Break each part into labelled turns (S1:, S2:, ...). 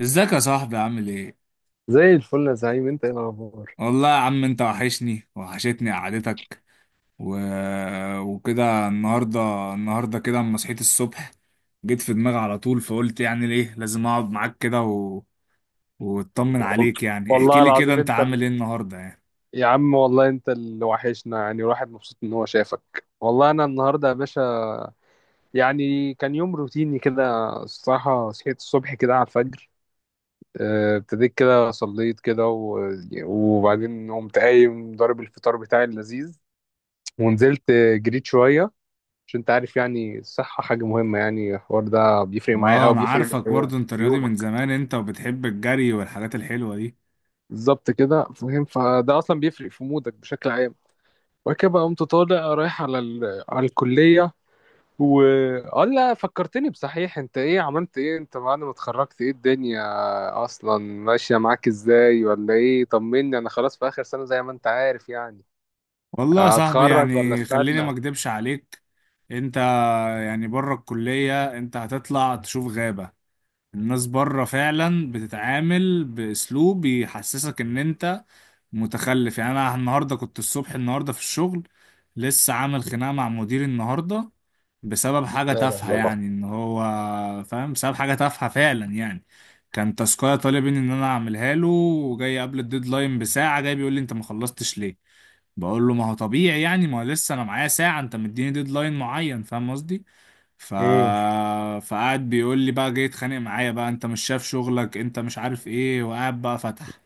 S1: ازيك يا صاحبي عامل ايه؟
S2: زي الفل يا زعيم، انت ايه الاخبار؟
S1: والله يا عم انت وحشني وحشتني قعدتك. و... وكده النهارده. كده اما صحيت الصبح جيت في دماغي على طول، فقلت يعني ليه لازم اقعد معاك كده واطمن
S2: وال-
S1: عليك. يعني احكي
S2: والله
S1: لي كده،
S2: العظيم
S1: انت
S2: انت
S1: عامل ايه النهارده يعني؟
S2: يا عم والله انت اللي وحشنا، يعني الواحد مبسوط ان هو شافك. والله انا النهارده يا باشا يعني كان يوم روتيني كده. الصراحه صحيت الصبح كده على الفجر، اه، ابتديت كده صليت كده وبعدين قمت قايم ضارب الفطار بتاعي اللذيذ، ونزلت جريت شويه، عشان انت عارف يعني الصحه حاجه مهمه، يعني الحوار ده بيفرق معايا
S1: اه
S2: قوي،
S1: انا
S2: بيفرق
S1: عارفك
S2: في
S1: برضو، انت رياضي من
S2: يومك.
S1: زمان انت، وبتحب الجري والحاجات الحلوة دي.
S2: بالظبط كده، فاهم؟ فده اصلا بيفرق في مودك بشكل عام. وبعد كده بقى قمت طالع رايح على على الكليه و... اه لا، فكرتني بصحيح، انت ايه عملت ايه انت بعد ما اتخرجت؟ ايه الدنيا اصلا ماشيه معاك ازاي ولا ايه؟ طمني، انا خلاص في اخر سنه زي ما انت عارف يعني.
S1: والله يا صاحبي،
S2: هتخرج ولا
S1: يعني
S2: استنى؟
S1: خليني
S2: لا
S1: ما اكدبش عليك. انت يعني بره الكلية انت هتطلع تشوف غابة. الناس بره فعلا بتتعامل باسلوب بيحسسك ان انت متخلف. يعني انا النهارده كنت الصبح، النهارده في الشغل لسه عامل خناقه مع مديري النهارده بسبب حاجه
S2: لا لا
S1: تافهه.
S2: لا.
S1: يعني ان هو فاهم، بسبب حاجه تافهه فعلا يعني. كان تاسكايه طالب مني ان انا اعملها له، وجاي قبل الديدلاين بساعه، جاي بيقول لي انت ما خلصتش ليه؟ بقول له ما هو طبيعي يعني، ما هو لسه انا معايا ساعه، انت مديني ديدلاين معين، فاهم قصدي؟ ف...
S2: مم.
S1: فقعد بيقول لي بقى، جاي يتخانق معايا بقى، انت مش شايف شغلك، انت مش عارف ايه، وقاعد بقى فتح.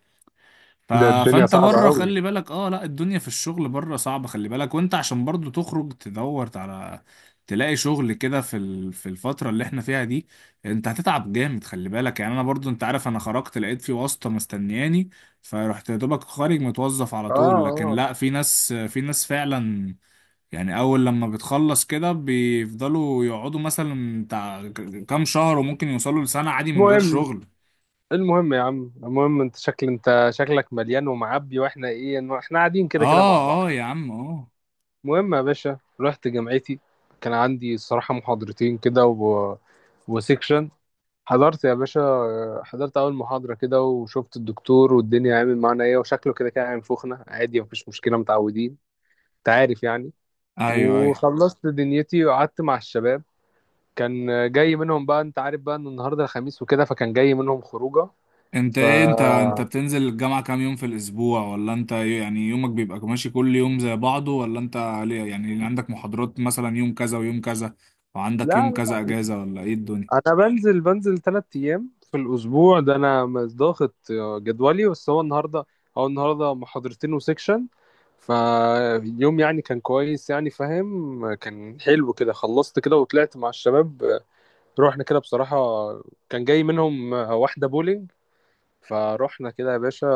S1: ف...
S2: ده الدنيا
S1: فانت
S2: صعبه
S1: بره
S2: قوي.
S1: خلي بالك. اه لا، الدنيا في الشغل بره صعبة، خلي بالك. وانت عشان برضو تخرج تدور على تلاقي شغل كده في في الفترة اللي احنا فيها دي، انت هتتعب جامد، خلي بالك. يعني انا برضو انت عارف، انا خرجت لقيت في واسطة مستنياني، فرحت يا دوبك خارج متوظف على
S2: اه
S1: طول. لكن
S2: اه.
S1: لا، في ناس، في ناس فعلا يعني اول لما بتخلص كده بيفضلوا يقعدوا مثلا بتاع كام شهر، وممكن يوصلوا لسنة عادي من غير
S2: المهم،
S1: شغل.
S2: المهم يا عم، المهم انت شكل، انت شكلك مليان ومعبي، واحنا ايه إنه احنا قاعدين كده كده مع بعض.
S1: اه اه يا عم اه.
S2: المهم يا باشا، رحت جامعتي، كان عندي الصراحة محاضرتين كده وسيكشن. حضرت يا باشا، حضرت أول محاضرة كده وشفت الدكتور والدنيا عامل معانا إيه، وشكله كده كان عامل فخنة عادي، مفيش مشكلة، متعودين. أنت عارف يعني.
S1: ايوه ايوه.
S2: وخلصت دنيتي وقعدت مع الشباب. كان جاي منهم بقى، أنت عارف بقى إن النهاردة الخميس وكده، فكان جاي منهم خروجة.
S1: انت
S2: ف
S1: ايه؟ انت بتنزل الجامعة كام يوم في الاسبوع؟ ولا انت يعني يومك بيبقى ماشي كل يوم زي بعضه؟ ولا انت ليه يعني عندك محاضرات مثلا يوم كذا ويوم كذا، وعندك يوم
S2: لا،
S1: كذا اجازة، ولا ايه الدنيا؟
S2: انا بنزل ثلاث ايام في الاسبوع، ده انا مش ضاغط جدولي. بس هو النهارده، هو النهارده محاضرتين وسيكشن، فاليوم يعني كان كويس يعني، فاهم؟ كان حلو كده. خلصت كده وطلعت مع الشباب، رحنا كده بصراحة. كان جاي منهم واحدة بولينج، فروحنا كده يا باشا،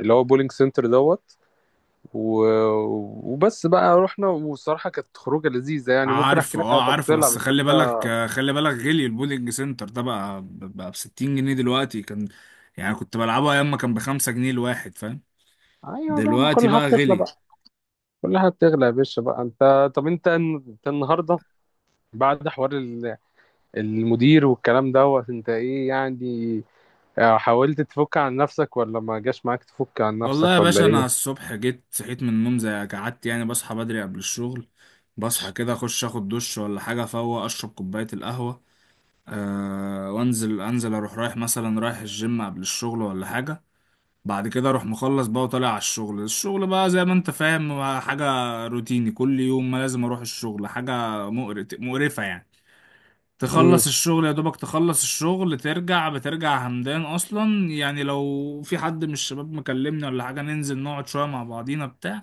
S2: اللي هو بولينج سنتر دوت و... وبس بقى. رحنا والصراحة كانت خروجة لذيذة يعني، ممكن احكي
S1: عارفه
S2: لك على
S1: اه، عارفه
S2: تفاصيلها،
S1: بس
S2: بس
S1: خلي
S2: انت
S1: بالك. خلي بالك، غلي البولينج سنتر ده بقى. ب 60 جنيه دلوقتي، كان يعني كنت بلعبه ايام ما كان ب5 جنيه الواحد، فاهم؟
S2: ايوه بقى، ما
S1: دلوقتي
S2: كل حاجة
S1: بقى
S2: بتطلع بقى.
S1: غلي.
S2: كل حاجه بتغلى يا باشا بقى. انت، طب انت، انت النهارده بعد حوار المدير والكلام دوت، انت ايه يعني؟ آه، حاولت تفك عن نفسك، ولا ما جاش معاك تفك عن
S1: والله يا
S2: نفسك، ولا
S1: باشا انا
S2: ايه؟
S1: الصبح جيت صحيت من النوم، زي قعدت يعني. بصحى بدري قبل الشغل، بصحى كده اخش اخد دش ولا حاجه، فوق اشرب كوبايه القهوه. أه وانزل، انزل اروح رايح مثلا رايح الجيم قبل الشغل ولا حاجه. بعد كده اروح مخلص بقى وطالع على الشغل. الشغل بقى زي ما انت فاهم، حاجة روتيني كل يوم، ما لازم اروح الشغل. حاجة مقرف مقرفة يعني.
S2: امم.
S1: تخلص الشغل يا دوبك، تخلص الشغل ترجع، بترجع همدان اصلا يعني. لو في حد من الشباب مكلمني ولا حاجة، ننزل نقعد شوية مع بعضينا بتاع.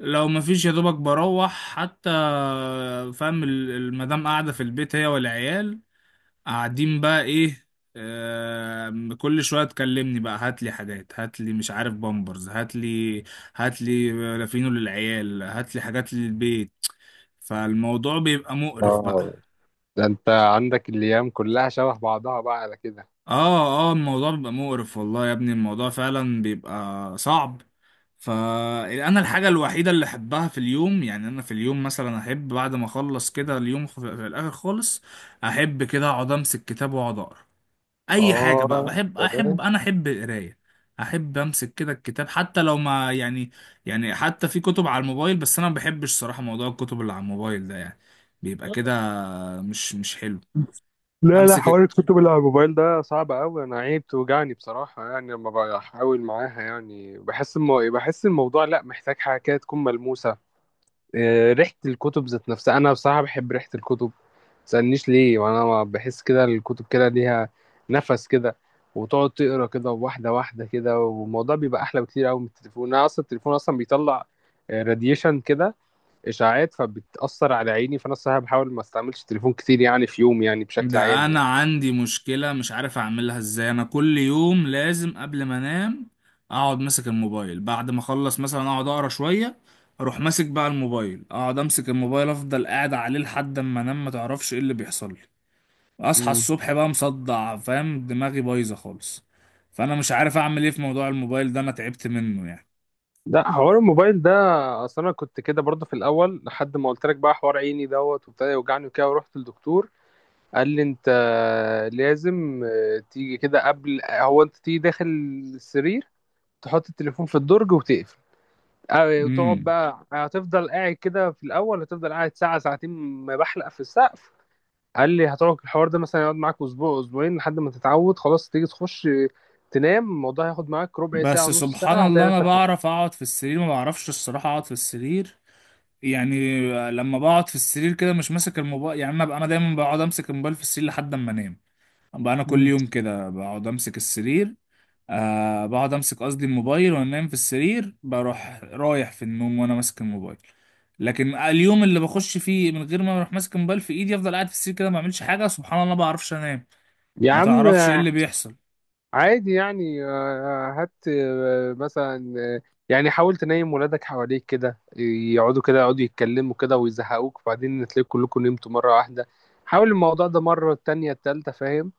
S1: لو مفيش، يا دوبك بروح حتى، فاهم؟ المدام قاعدة في البيت، هي والعيال قاعدين بقى ايه. كل شويه تكلمني بقى، هات لي حاجات، هات لي مش عارف بامبرز، هات لي، هات لي لافينو للعيال، هات لي حاجات للبيت. فالموضوع بيبقى مقرف بقى.
S2: اه. ده انت عندك الايام كلها شبه بعضها بقى على كده.
S1: اه اه، الموضوع بيبقى مقرف، والله يا ابني الموضوع فعلا بيبقى صعب. فانا الحاجه الوحيده اللي احبها في اليوم، يعني انا في اليوم مثلا احب بعد ما اخلص كده اليوم، في الاخر خالص احب كده اقعد امسك كتاب واقعد اقرا. اي حاجه بقى
S2: اه.
S1: بحب،
S2: تمام.
S1: احب، انا احب القرايه. احب امسك كده الكتاب حتى لو ما يعني، يعني حتى في كتب على الموبايل، بس انا ما بحبش صراحه موضوع الكتب اللي على الموبايل ده، يعني بيبقى كده مش حلو.
S2: لا لا، حوار
S1: امسك.
S2: الكتب اللي على الموبايل ده صعب قوي. انا عيب توجعني بصراحه، يعني لما بحاول معاها يعني بحس بحس الموضوع لا، محتاج حاجه كده تكون ملموسه. آه، ريحة الكتب ذات نفسها، أنا بصراحة بحب ريحة الكتب. متسألنيش ليه، وأنا ما بحس كده الكتب كده ليها نفس كده. وتقعد تقرا كده واحدة واحدة كده، والموضوع بيبقى أحلى بكتير أوي من التليفون. أنا أصلا التليفون أصلا بيطلع راديشن كده، إشاعات، فبتأثر على عيني، فأنا الصراحة بحاول ما استعملش التليفون كتير يعني في يوم، يعني بشكل
S1: ده
S2: عام
S1: انا
S2: يعني.
S1: عندي مشكله مش عارف اعملها ازاي، انا كل يوم لازم قبل ما انام اقعد ماسك الموبايل. بعد ما اخلص مثلا اقعد اقرا شويه، اروح ماسك بقى الموبايل، اقعد امسك الموبايل افضل قاعد عليه لحد اما انام، ما تعرفش ايه اللي بيحصل لي. اصحى
S2: مم.
S1: الصبح بقى مصدع، فاهم، دماغي بايظه خالص. فانا مش عارف اعمل ايه في موضوع الموبايل ده، انا تعبت منه يعني.
S2: ده حوار الموبايل ده، اصل انا كنت كده برضه في الاول لحد ما قلت لك بقى، حوار عيني دوت وابتدى يوجعني وكده، ورحت للدكتور. قال لي انت لازم آه، تيجي كده قبل، هو انت تيجي داخل السرير تحط التليفون في الدرج وتقفل. آه، وتقعد
S1: امم
S2: بقى، هتفضل قاعد كده في الاول، هتفضل قاعد ساعه ساعتين ما بحلق في السقف. قال لي هتقعد الحوار ده مثلا يقعد معاك اسبوع اسبوعين لحد ما تتعود، خلاص تيجي تخش آه، تنام، الموضوع هياخد معاك ربع ساعه
S1: بس
S2: نص
S1: سبحان
S2: ساعه
S1: الله انا
S2: هتعرف.
S1: بعرف اقعد في السرير، ما بعرفش الصراحه اقعد في السرير يعني. لما بقعد في السرير كده مش ماسك الموبايل يعني، انا بقى انا دايما بقعد امسك الموبايل في السرير لحد اما انام. بقى انا كل
S2: مم.
S1: يوم كده بقعد امسك السرير. آه بقعد امسك، قصدي الموبايل، وانا نايم في السرير بروح رايح في النوم وانا ماسك الموبايل. لكن اليوم اللي بخش فيه من غير ما اروح ماسك الموبايل في ايدي، افضل قاعد في السرير كده ما اعملش حاجه، سبحان الله ما بعرفش انام.
S2: يا
S1: ما
S2: عم
S1: تعرفش ايه اللي بيحصل.
S2: عادي يعني، هات مثلا يعني حاول تنيم ولادك حواليك كده، يقعدوا كده يقعدوا يتكلموا كده ويزهقوك، وبعدين تلاقي كلكم نمتوا مرة واحدة. حاول الموضوع ده مرة التانية التالتة، فاهم؟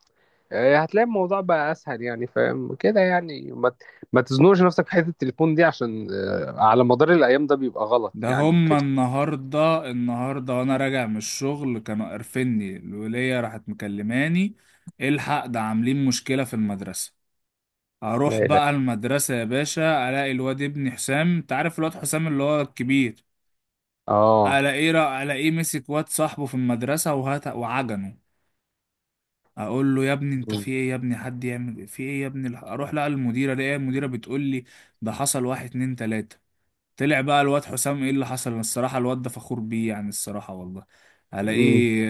S2: آه، هتلاقي الموضوع بقى أسهل يعني، فاهم كده يعني. ما تزنقش نفسك في حتة التليفون دي، عشان آه، على مدار الأيام ده بيبقى غلط
S1: ده
S2: يعني
S1: هما
S2: وكده.
S1: النهارده، النهارده وانا راجع من الشغل كانوا قرفني، الوليه راحت مكلماني. إيه الحق ده؟ عاملين مشكله في المدرسه. اروح
S2: لا لا.
S1: بقى المدرسة يا باشا، الاقي الواد ابن حسام. انت عارف الواد حسام اللي هو الكبير؟
S2: اه.
S1: الاقيه مسك واد صاحبه في المدرسة، وهات وعجنه. اقول له يا ابني انت
S2: مم.
S1: في ايه يا ابني؟ حد يعمل إيه؟ في ايه يا ابني؟ اروح لقى المديرة، الاقي المديرة بتقول لي ده حصل واحد اتنين تلاتة. طلع بقى الواد حسام ايه اللي حصل، الصراحة الواد ده فخور بيه يعني، الصراحة والله.
S2: مم.
S1: الاقيه،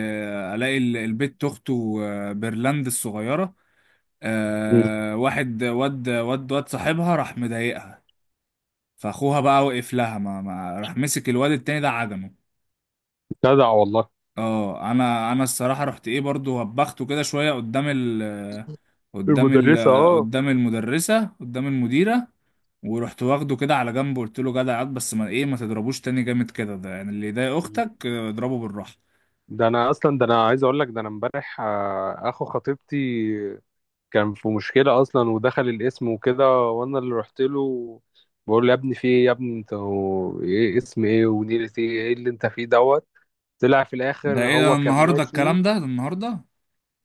S1: الاقي البت اخته، بيرلاند الصغيرة،
S2: مم.
S1: آه، واحد واد صاحبها راح مضايقها، فاخوها بقى وقف لها. ما راح مسك الواد التاني ده عدمه.
S2: جدع والله.
S1: اه، انا الصراحه رحت ايه برضو وبخته كده شويه قدام ال
S2: المدرسة اه.
S1: قدام المدرسه، قدام المديره. ورحت واخده كده على جنب، قلت له جدع ياض، بس ما ايه، ما تضربوش تاني جامد كده ده، يعني اللي يضايق اختك، آه، اضربه بالراحه.
S2: ده انا اصلا، ده انا عايز اقول لك، ده انا امبارح آه، اخو خطيبتي كان في مشكله اصلا ودخل الاسم وكده، وانا اللي رحت له، بقول له يا ابني في ايه، يا ابني انت هو ايه، اسم ايه ونيلة ايه، ايه اللي انت فيه دوت. طلع في
S1: ده
S2: الاخر
S1: ايه ده
S2: هو كان
S1: النهارده
S2: ماشي.
S1: الكلام ده؟ ده النهارده.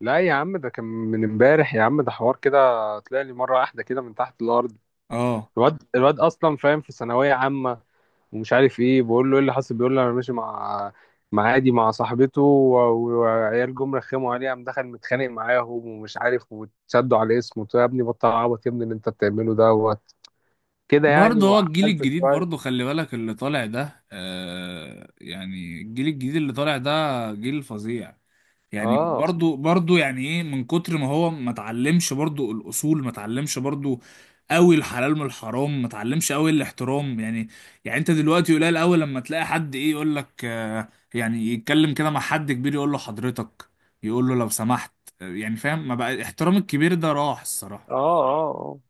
S2: لا يا عم، ده كان من امبارح يا عم، ده حوار كده طلع لي مره واحده كده من تحت الارض.
S1: اه.
S2: الواد اصلا، فاهم؟ في ثانويه عامه ومش عارف ايه. بقول له ايه اللي حصل، بيقول لي انا ماشي مع، مع عادي مع صاحبته وعيال جم رخموا عليه، قام دخل متخانق معاهم ومش عارف، وتشدوا على اسمه. قلت له يا ابني بطل عبط يا ابني اللي انت بتعمله ده كده يعني،
S1: برضه هو الجيل
S2: وعقلت
S1: الجديد، برضه
S2: شويه.
S1: خلي بالك اللي طالع ده. آه، يعني الجيل الجديد اللي طالع ده جيل فظيع يعني.
S2: اه
S1: برضو، برضو، يعني ايه، من كتر ما هو ما اتعلمش برضو الاصول، ما اتعلمش برضو قوي الحلال من الحرام، ما اتعلمش قوي الاحترام يعني. يعني انت دلوقتي قليل قوي لما تلاقي حد ايه، يقول لك، آه، يعني يتكلم كده مع حد كبير يقول له حضرتك، يقول له لو سمحت، آه، يعني فاهم. ما بقى احترام الكبير، ده راح الصراحة.
S2: اه. اه،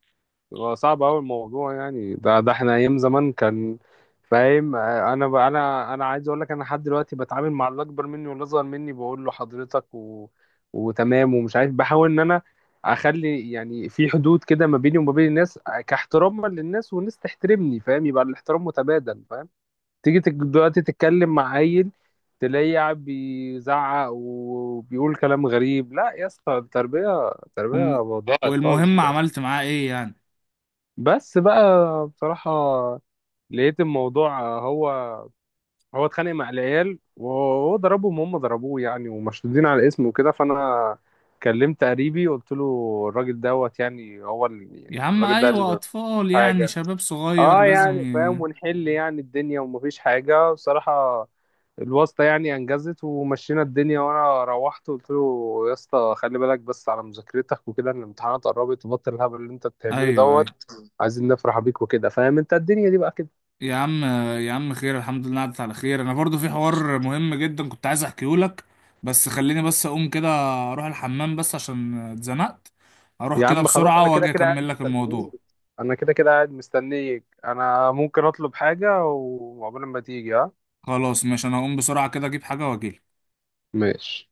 S2: هو صعب أوي الموضوع يعني. ده ده احنا أيام زمان كان، فاهم آه، أنا أنا عايز أقول لك أنا لحد دلوقتي بتعامل مع اللي أكبر مني واللي أصغر مني بقول له حضرتك وتمام ومش عارف، بحاول إن أنا أخلي يعني في حدود كده ما بيني وما بين الناس، آه، كاحتراما للناس والناس تحترمني، فاهم؟ يبقى الاحترام متبادل، فاهم؟ دلوقتي تتكلم مع عيل تلاقيه قاعد بيزعق وبيقول كلام غريب، لا يا اسطى، التربية، التربية
S1: وم-
S2: ضاعت خالص.
S1: والمهم عملت معاه ايه يعني؟
S2: بس بقى بصراحة لقيت الموضوع، هو هو اتخانق مع العيال وهو ضربهم وهم ضربوه يعني، ومشدودين على اسمه وكده، فأنا كلمت قريبي قلت له الراجل دوت يعني هو اللي،
S1: يا
S2: يعني
S1: عم،
S2: الراجل ده اللي
S1: ايوه،
S2: جاب
S1: اطفال يعني،
S2: حاجة.
S1: شباب صغير
S2: اه
S1: لازم
S2: يعني فاهم، ونحل يعني الدنيا ومفيش حاجة بصراحة. الواسطة يعني أنجزت ومشينا الدنيا، وأنا روحت قلت له يا اسطى خلي بالك بس على مذاكرتك وكده، إن الامتحانات قربت وبطل الهبل اللي أنت بتعمله
S1: ايوه
S2: دوت.
S1: ايوه.
S2: عايزين نفرح بيك وكده، فاهم؟ انت الدنيا دي بقى كده.
S1: يا عم، يا عم خير الحمد لله عدت على خير. انا برضو في حوار مهم جدا كنت عايز احكيه لك، بس خليني بس اقوم كده. اروح الحمام بس عشان اتزنقت، اروح
S2: يا
S1: كده
S2: عم خلاص، انا
S1: بسرعة
S2: كده
S1: واجي
S2: كده قاعد
S1: اكمل لك الموضوع.
S2: مستنيك، انا كده كده قاعد مستنيك، انا ممكن اطلب حاجة وعقبال ما تيجي. ها
S1: خلاص ماشي، انا هقوم بسرعة كده اجيب حاجة واجيلك.
S2: ماشي.